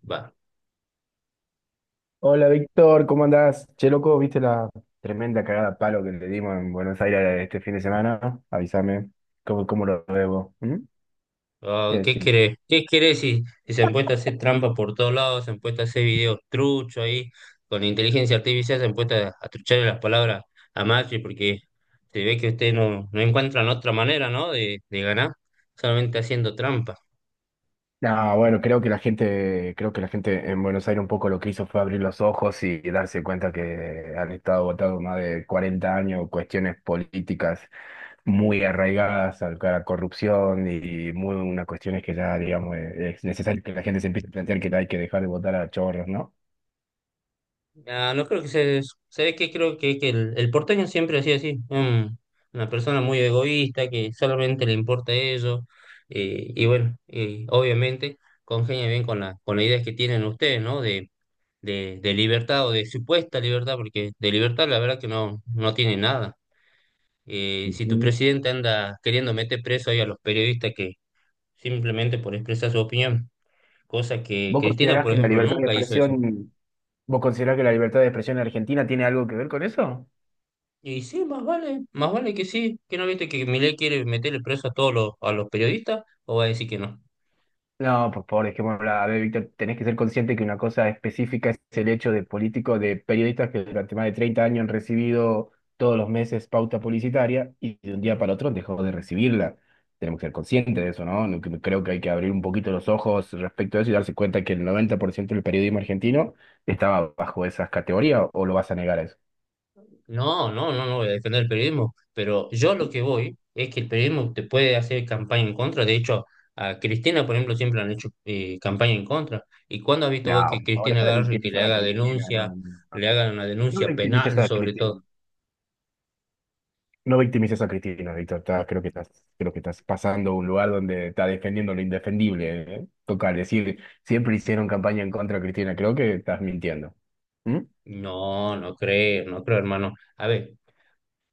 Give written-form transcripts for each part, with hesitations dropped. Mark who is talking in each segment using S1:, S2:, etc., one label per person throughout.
S1: Va.
S2: Hola Víctor, ¿cómo andás? Che, loco, ¿viste la tremenda cagada a palo que le dimos en Buenos Aires este fin de semana? Avísame, ¿Cómo lo debo? ¿Mm? ¿Qué
S1: ¿Qué
S2: decís?
S1: querés? ¿Qué querés si se han puesto a hacer trampa por todos lados? Se han puesto a hacer videos truchos ahí. Con inteligencia artificial se han puesto a trucharle las palabras a Macri porque se ve que ustedes no encuentran otra manera, ¿no? De ganar, solamente haciendo trampa.
S2: No, bueno, creo que la gente en Buenos Aires un poco lo que hizo fue abrir los ojos y darse cuenta que han estado votados más de 40 años cuestiones políticas muy arraigadas a la corrupción y muy unas cuestiones que ya, digamos, es necesario que la gente se empiece a plantear que hay que dejar de votar a chorros, ¿no?
S1: Ah, no creo que se eso. ¿Sabés qué? Creo que el porteño siempre ha sido así. Una persona muy egoísta que solamente le importa eso. Y bueno, obviamente congenia bien con con las ideas que tienen ustedes, ¿no? De libertad o de supuesta libertad, porque de libertad la verdad que no tiene nada. Si tu
S2: Ujú.
S1: presidente anda queriendo meter preso ahí a los periodistas que simplemente por expresar su opinión, cosa que
S2: ¿Vos
S1: Cristina,
S2: considerás
S1: por
S2: que la
S1: ejemplo,
S2: libertad de
S1: nunca hizo eso.
S2: expresión, vos considerás que la libertad de expresión en Argentina tiene algo que ver con eso?
S1: Y sí, más vale que sí, que no viste que Milei quiere meterle preso a a los periodistas, o va a decir que no.
S2: No, por favor, dejémoslo. A ver, Víctor, tenés que ser consciente que una cosa específica es el hecho de políticos, de periodistas que durante más de 30 años han recibido todos los meses pauta publicitaria y de un día para otro dejó de recibirla. Tenemos que ser conscientes de eso, ¿no? Creo que hay que abrir un poquito los ojos respecto a eso y darse cuenta que el 90% del periodismo argentino estaba bajo esas categorías, ¿o lo vas a negar a eso?
S1: No, no, no, no voy a defender el periodismo, pero yo lo que voy es que el periodismo te puede hacer campaña en contra. De hecho, a Cristina, por ejemplo, siempre le han hecho campaña en contra. ¿Y cuándo has visto vos
S2: No,
S1: que
S2: por favor,
S1: Cristina
S2: deja de
S1: agarre y que le
S2: victimizar a
S1: haga
S2: Cristina, no,
S1: denuncia,
S2: no, no.
S1: le hagan una
S2: No
S1: denuncia
S2: victimices
S1: penal
S2: a
S1: sobre
S2: Cristina.
S1: todo?
S2: No victimices a Cristina, Víctor. Creo que estás pasando a un lugar donde está defendiendo lo indefendible, ¿eh? Toca decir, siempre hicieron campaña en contra de Cristina. Creo que estás mintiendo. ¿Mm?
S1: No, no creo, no creo, hermano. A ver,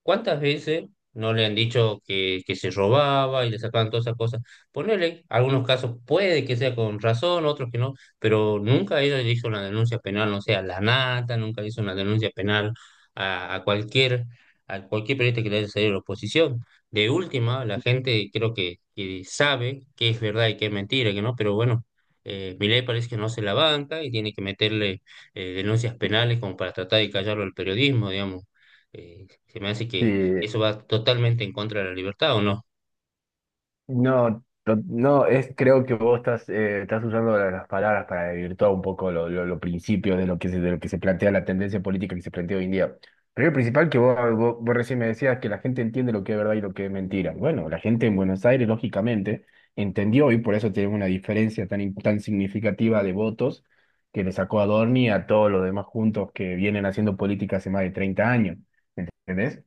S1: ¿cuántas veces no le han dicho que se robaba y le sacaban todas esas cosas? Ponele, algunos casos puede que sea con razón, otros que no, pero nunca ella le hizo una denuncia penal, no sea a la nata, nunca hizo una denuncia penal a, a cualquier, a cualquier periodista que le haya salido la oposición. De última, la gente creo que sabe qué es verdad y qué es mentira, que no, pero bueno, Milei parece que no se la banca y tiene que meterle denuncias penales como para tratar de callarlo al periodismo, digamos. Eh, Se me hace que
S2: Sí.
S1: eso va totalmente en contra de la libertad, ¿o no?
S2: No, to- no, es, creo que vos estás, estás usando las palabras para desvirtuar un poco los principios de de lo que se plantea la tendencia política que se plantea hoy en día. Primero y principal que vos recién me decías que la gente entiende lo que es verdad y lo que es mentira. Bueno, la gente en Buenos Aires, lógicamente, entendió y por eso tenemos una diferencia tan significativa de votos que le sacó a Dorni y a todos los demás juntos que vienen haciendo política hace más de 30 años. ¿Entendés?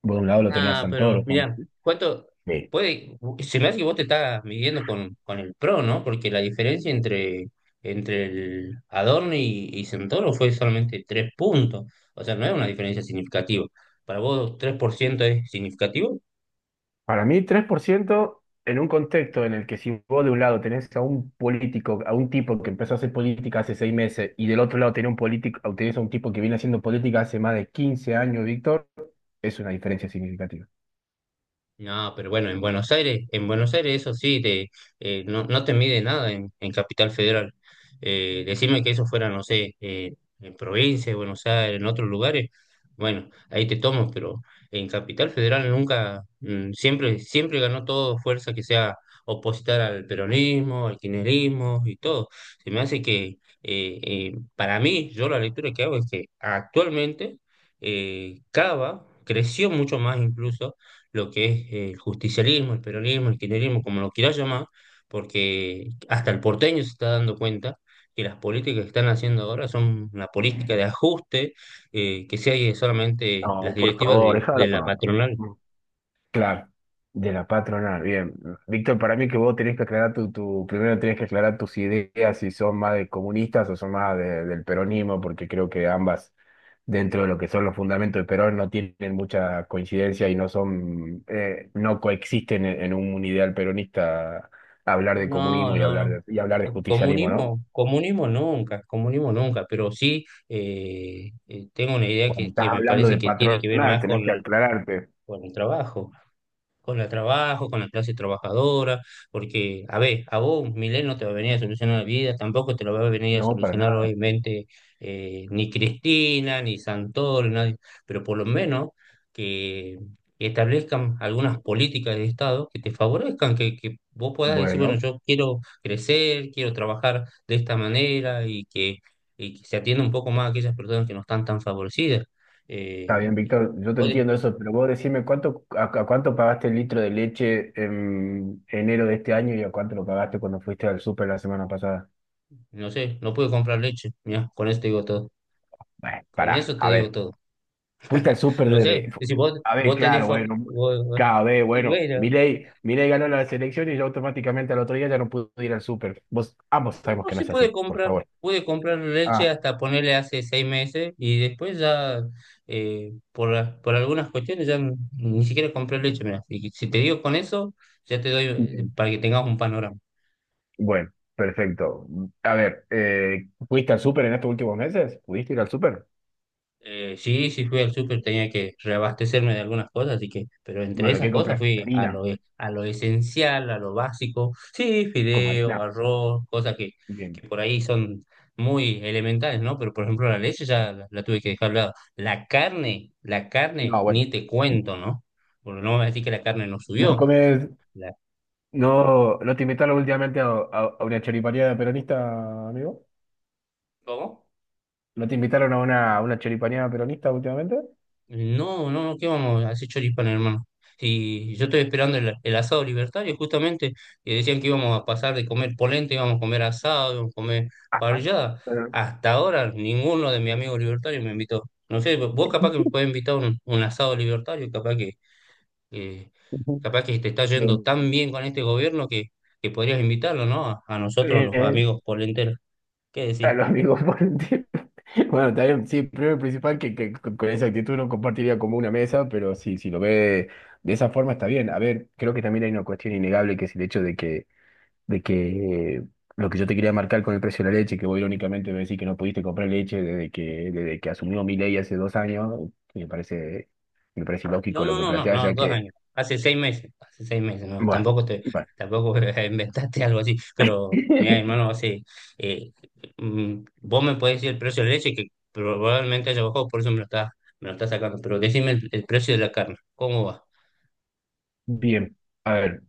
S2: Por un lado lo tenía
S1: Ah, pero
S2: Santoro.
S1: mira, ¿cuánto puede? Se me hace que vos te estás midiendo con el PRO, ¿no? Porque la diferencia entre el Adorno y Santoro fue solamente tres puntos. O sea, no es una diferencia significativa. ¿Para vos 3% es significativo?
S2: Para mí, 3% en un contexto en el que si vos de un lado tenés a un político, a un tipo que empezó a hacer política hace 6 meses, y del otro lado tenés un político, tenés a un tipo que viene haciendo política hace más de 15 años, Víctor, es una diferencia significativa.
S1: No, pero bueno, en Buenos Aires eso sí, no, no te mide nada en Capital Federal. Decime que eso fuera, no sé, en provincia de Buenos Aires, en otros lugares, bueno, ahí te tomo, pero en Capital Federal nunca, siempre, siempre ganó todo fuerza que sea opositar al peronismo, al kirchnerismo y todo. Se me hace para mí, yo la lectura que hago es que actualmente Cava creció mucho más incluso lo que es el justicialismo, el peronismo, el kirchnerismo, como lo quieras llamar, porque hasta el porteño se está dando cuenta que las políticas que están haciendo ahora son una política de ajuste, que sigue solamente las
S2: No, por
S1: directivas
S2: favor, déjala
S1: de la
S2: pagando.
S1: patronal.
S2: Claro, de la patronal, bien. Víctor, para mí que vos tenés que aclarar primero tenés que aclarar tus ideas si son más de comunistas o son más del peronismo, porque creo que ambas, dentro de lo que son los fundamentos de Perón, no tienen mucha coincidencia y no son, no coexisten en un ideal peronista hablar de
S1: No,
S2: comunismo
S1: no, no.
S2: y hablar de justicialismo, ¿no?
S1: Comunismo, comunismo nunca, pero sí tengo una idea
S2: Cuando estás
S1: que me
S2: hablando
S1: parece
S2: de
S1: que tiene que ver
S2: patronal,
S1: más
S2: tenés que aclararte.
S1: con el trabajo, con el trabajo, con la clase trabajadora, porque, a ver, a vos un Milei no te va a venir a solucionar la vida, tampoco te lo va a venir a
S2: No, para
S1: solucionar
S2: nada.
S1: obviamente ni Cristina, ni Santoro, nadie, pero por lo menos que establezcan algunas políticas de Estado que te favorezcan, que vos puedas decir, bueno,
S2: Bueno.
S1: yo quiero crecer, quiero trabajar de esta manera y que se atienda un poco más a aquellas personas que no están tan favorecidas.
S2: Está
S1: Eh,
S2: bien, Víctor, yo te entiendo eso, pero vos decime a cuánto pagaste el litro de leche en enero de este año y a cuánto lo pagaste cuando fuiste al súper la semana pasada.
S1: No sé, no pude comprar leche. Mira, con eso te digo todo.
S2: Bueno,
S1: Con
S2: pará,
S1: eso te
S2: a
S1: digo
S2: ver,
S1: todo.
S2: fuiste al súper
S1: No sé,
S2: desde...
S1: y si vos,
S2: A ver,
S1: vos tenés
S2: claro, bueno,
S1: vos- vos-
S2: cada vez,
S1: y
S2: bueno,
S1: bueno,
S2: Milei ganó las elecciones y yo automáticamente al otro día ya no pude ir al súper. Vos, ambos sabemos
S1: no
S2: que no
S1: se
S2: es
S1: puede
S2: así, por
S1: comprar.
S2: favor.
S1: Pude comprar leche
S2: Ah,
S1: hasta ponerle hace 6 meses y después ya, por algunas cuestiones, ya ni siquiera compré leche. Mira, y si te digo con eso, ya te doy
S2: bien.
S1: para que tengas un panorama.
S2: Bueno, perfecto. A ver, ¿fuiste al súper en estos últimos meses? ¿Pudiste ir al súper?
S1: Sí, sí fui al súper, tenía que reabastecerme de algunas cosas, así que, pero entre
S2: Bueno,
S1: esas
S2: ¿qué
S1: cosas
S2: compraste?
S1: fui a
S2: ¿Harina?
S1: a lo esencial, a lo básico, sí,
S2: ¿Con
S1: fideo,
S2: harina?
S1: arroz, cosas
S2: Bien.
S1: que por ahí son muy elementales, ¿no? Pero por ejemplo la leche ya la tuve que dejar de lado. La carne,
S2: No, bueno.
S1: ni te cuento, ¿no? Porque no me vas a decir que la carne no
S2: No
S1: subió.
S2: comes.
S1: La,
S2: No, no te invitaron últimamente a una choripaneada peronista, amigo.
S1: ¿Cómo?
S2: ¿No te invitaron a una choripaneada peronista últimamente?
S1: No, no, no, ¿qué vamos a hacer choripán, hermano? Si yo estoy esperando el asado libertario, justamente, que decían que íbamos a pasar de comer polenta, íbamos a comer asado, íbamos a comer
S2: Ajá.
S1: parrillada.
S2: Pero-
S1: Hasta ahora ninguno de mis amigos libertarios me invitó. No sé, vos capaz que me puedes invitar un asado libertario, eh, capaz que te está yendo
S2: Bien.
S1: tan bien con este gobierno que podrías invitarlo, ¿no? A nosotros los
S2: Bien.
S1: amigos polenteros. ¿Qué
S2: A
S1: decís?
S2: los amigos por el tiempo. Bueno, también, sí, primero y principal que con esa actitud no compartiría como una mesa, pero sí, si lo ve de esa forma está bien. A ver, creo que también hay una cuestión innegable que es el hecho de que lo que yo te quería marcar con el precio de la leche, que vos irónicamente me decís que no pudiste comprar leche desde que asumió mi ley hace 2 años, me parece, me parece
S1: No,
S2: ilógico lo
S1: no,
S2: que
S1: no, no,
S2: planteas,
S1: no,
S2: ya
S1: dos
S2: que,
S1: años. Hace seis meses, no,
S2: bueno,
S1: tampoco te,
S2: bueno.
S1: tampoco inventaste algo así, pero mira, hermano, hace, eh, vos me podés decir el precio de la leche que probablemente haya bajado, por eso me lo estás sacando, pero decime el precio de la carne, ¿cómo va?
S2: Bien, a ver.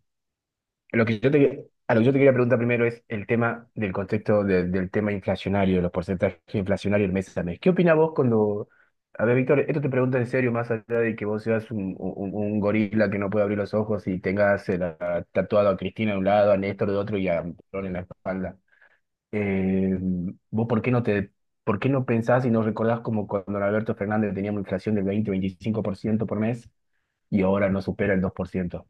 S2: Lo que yo te, a lo que yo te quería preguntar primero es el tema del contexto del tema inflacionario, los porcentajes inflacionarios del mes a mes. ¿Qué opinás vos cuando... A ver, Víctor, esto te pregunto en serio, más allá de que vos seas un gorila que no puede abrir los ojos y tengas tatuado a Cristina de un lado, a Néstor de otro y a Perón en la espalda. Eh, ¿Vos por qué por qué no pensás y no recordás como cuando Alberto Fernández teníamos inflación del 20-25% por ciento por mes y ahora no supera el 2%?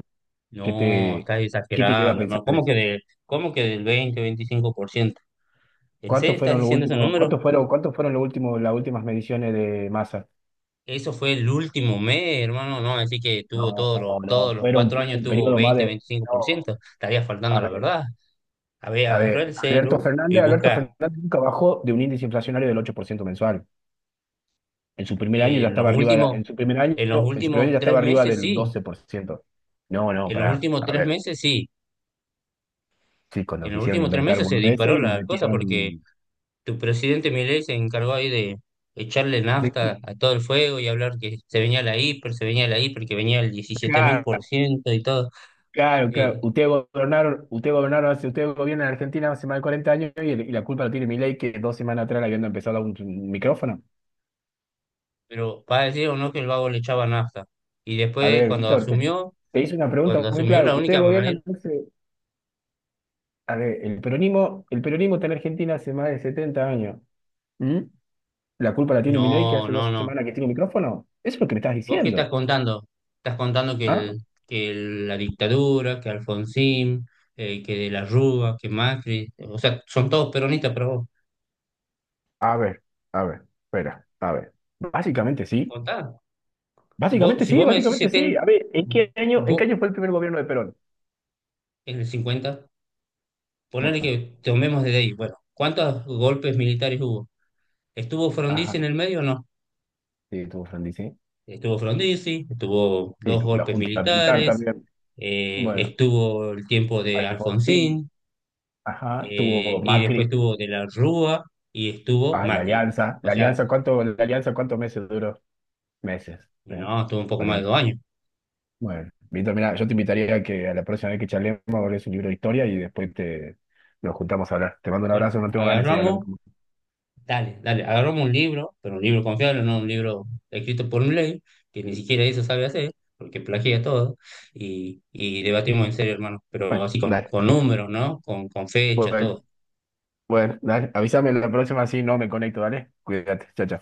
S2: ¿Qué
S1: No,
S2: te,
S1: estás
S2: ¿qué te lleva a
S1: exagerando,
S2: pensar
S1: hermano,
S2: eso?
S1: ¿cómo que del 20, 25%? ¿En serio estás diciendo ese número?
S2: ¿Cuántos fueron los últimos, las últimas mediciones de masa?
S1: Eso fue el último mes, hermano, no, así que tuvo
S2: No,
S1: todos
S2: no,
S1: los
S2: fueron,
S1: cuatro
S2: fueron
S1: años
S2: un
S1: tuvo
S2: periodo más
S1: 20,
S2: de. No,
S1: 25%, estaría faltando
S2: a
S1: a la
S2: ver,
S1: verdad. A ver,
S2: a
S1: agarra
S2: ver,
S1: el
S2: Alberto
S1: celu y
S2: Fernández, Alberto
S1: busca
S2: Fernández nunca bajó de un índice inflacionario del 8% mensual. En su primer año
S1: eh,
S2: ya
S1: en los
S2: estaba arriba,
S1: últimos,
S2: en su primer año,
S1: en los
S2: en su primer año
S1: últimos
S2: ya
S1: tres
S2: estaba arriba
S1: meses,
S2: del
S1: sí.
S2: 12%. No, no,
S1: En los
S2: pará,
S1: últimos
S2: a
S1: tres
S2: ver,
S1: meses, sí.
S2: sí, cuando
S1: En los
S2: quisieron
S1: últimos tres
S2: inventar
S1: meses se
S2: boludeces
S1: disparó
S2: y lo
S1: la cosa porque
S2: metieron.
S1: tu presidente Milei se encargó ahí de echarle
S2: ¿De qué?
S1: nafta a todo el fuego y hablar que se venía la hiper, se venía la hiper, que venía el 17.000% y todo.
S2: Claro, claro.
S1: Eh,
S2: Ustedes gobiernan en Argentina hace más de 40 años y la culpa la tiene Milei que dos semanas atrás le habían empezado a dar un micrófono.
S1: pero para decir o no que el vago le echaba nafta. Y
S2: A
S1: después
S2: ver, Víctor, te hice una pregunta
S1: cuando
S2: muy
S1: asumió
S2: clara.
S1: la
S2: Ustedes
S1: única manera,
S2: gobiernan hace, a ver, el peronismo está en Argentina hace más de 70 años. ¿Mm? ¿La culpa la tiene Milei que
S1: no,
S2: hace
S1: no,
S2: dos
S1: no.
S2: semanas que tiene un micrófono? Eso es lo que me estás
S1: ¿Vos qué estás
S2: diciendo.
S1: contando? Estás contando
S2: ¿Ah?
S1: que la dictadura, que Alfonsín, que de la Rúa, que Macri, o sea, son todos peronistas, pero vos,
S2: A ver, espera, a ver. Básicamente sí.
S1: contá. Vos, si vos me decís 70,
S2: A ver, ¿en qué
S1: vos
S2: año fue el primer gobierno de Perón?
S1: en el 50 ponele
S2: Bueno.
S1: que tomemos desde ahí. Bueno, ¿cuántos golpes militares hubo? ¿Estuvo Frondizi en
S2: Ajá.
S1: el medio o no?
S2: Sí, tuvo Sandy, sí.
S1: Estuvo Frondizi, estuvo
S2: Sí,
S1: dos
S2: tuvo la
S1: golpes
S2: Junta Militar
S1: militares,
S2: también. Bueno,
S1: estuvo el tiempo de
S2: Alfonsín,
S1: Alfonsín,
S2: ajá, tuvo
S1: y después
S2: Macri,
S1: estuvo De la Rúa y estuvo
S2: ah, la
S1: Macri.
S2: Alianza.
S1: O sea,
S2: La Alianza, ¿cuántos meses duró? Meses. eh.
S1: no, estuvo un poco más
S2: Vale.
S1: de 2 años.
S2: Bueno, Víctor, mira, yo te invitaría a que a la próxima vez que charlemos lees un libro de historia y después te nos juntamos a hablar. Te mando un
S1: Bueno,
S2: abrazo, no tengo ganas de seguir hablando
S1: agarramos,
S2: con vos.
S1: dale, dale, agarramos un libro, pero un libro confiable, no un libro escrito por un ley, que ni siquiera eso sabe hacer, porque plagia todo, y debatimos en serio, hermano, pero
S2: Bueno,
S1: así
S2: dale.
S1: con números, ¿no? Con fecha,
S2: Bueno,
S1: todo.
S2: bueno, dale. Avísame la próxima si no me conecto, dale. Cuídate. Chao, chao.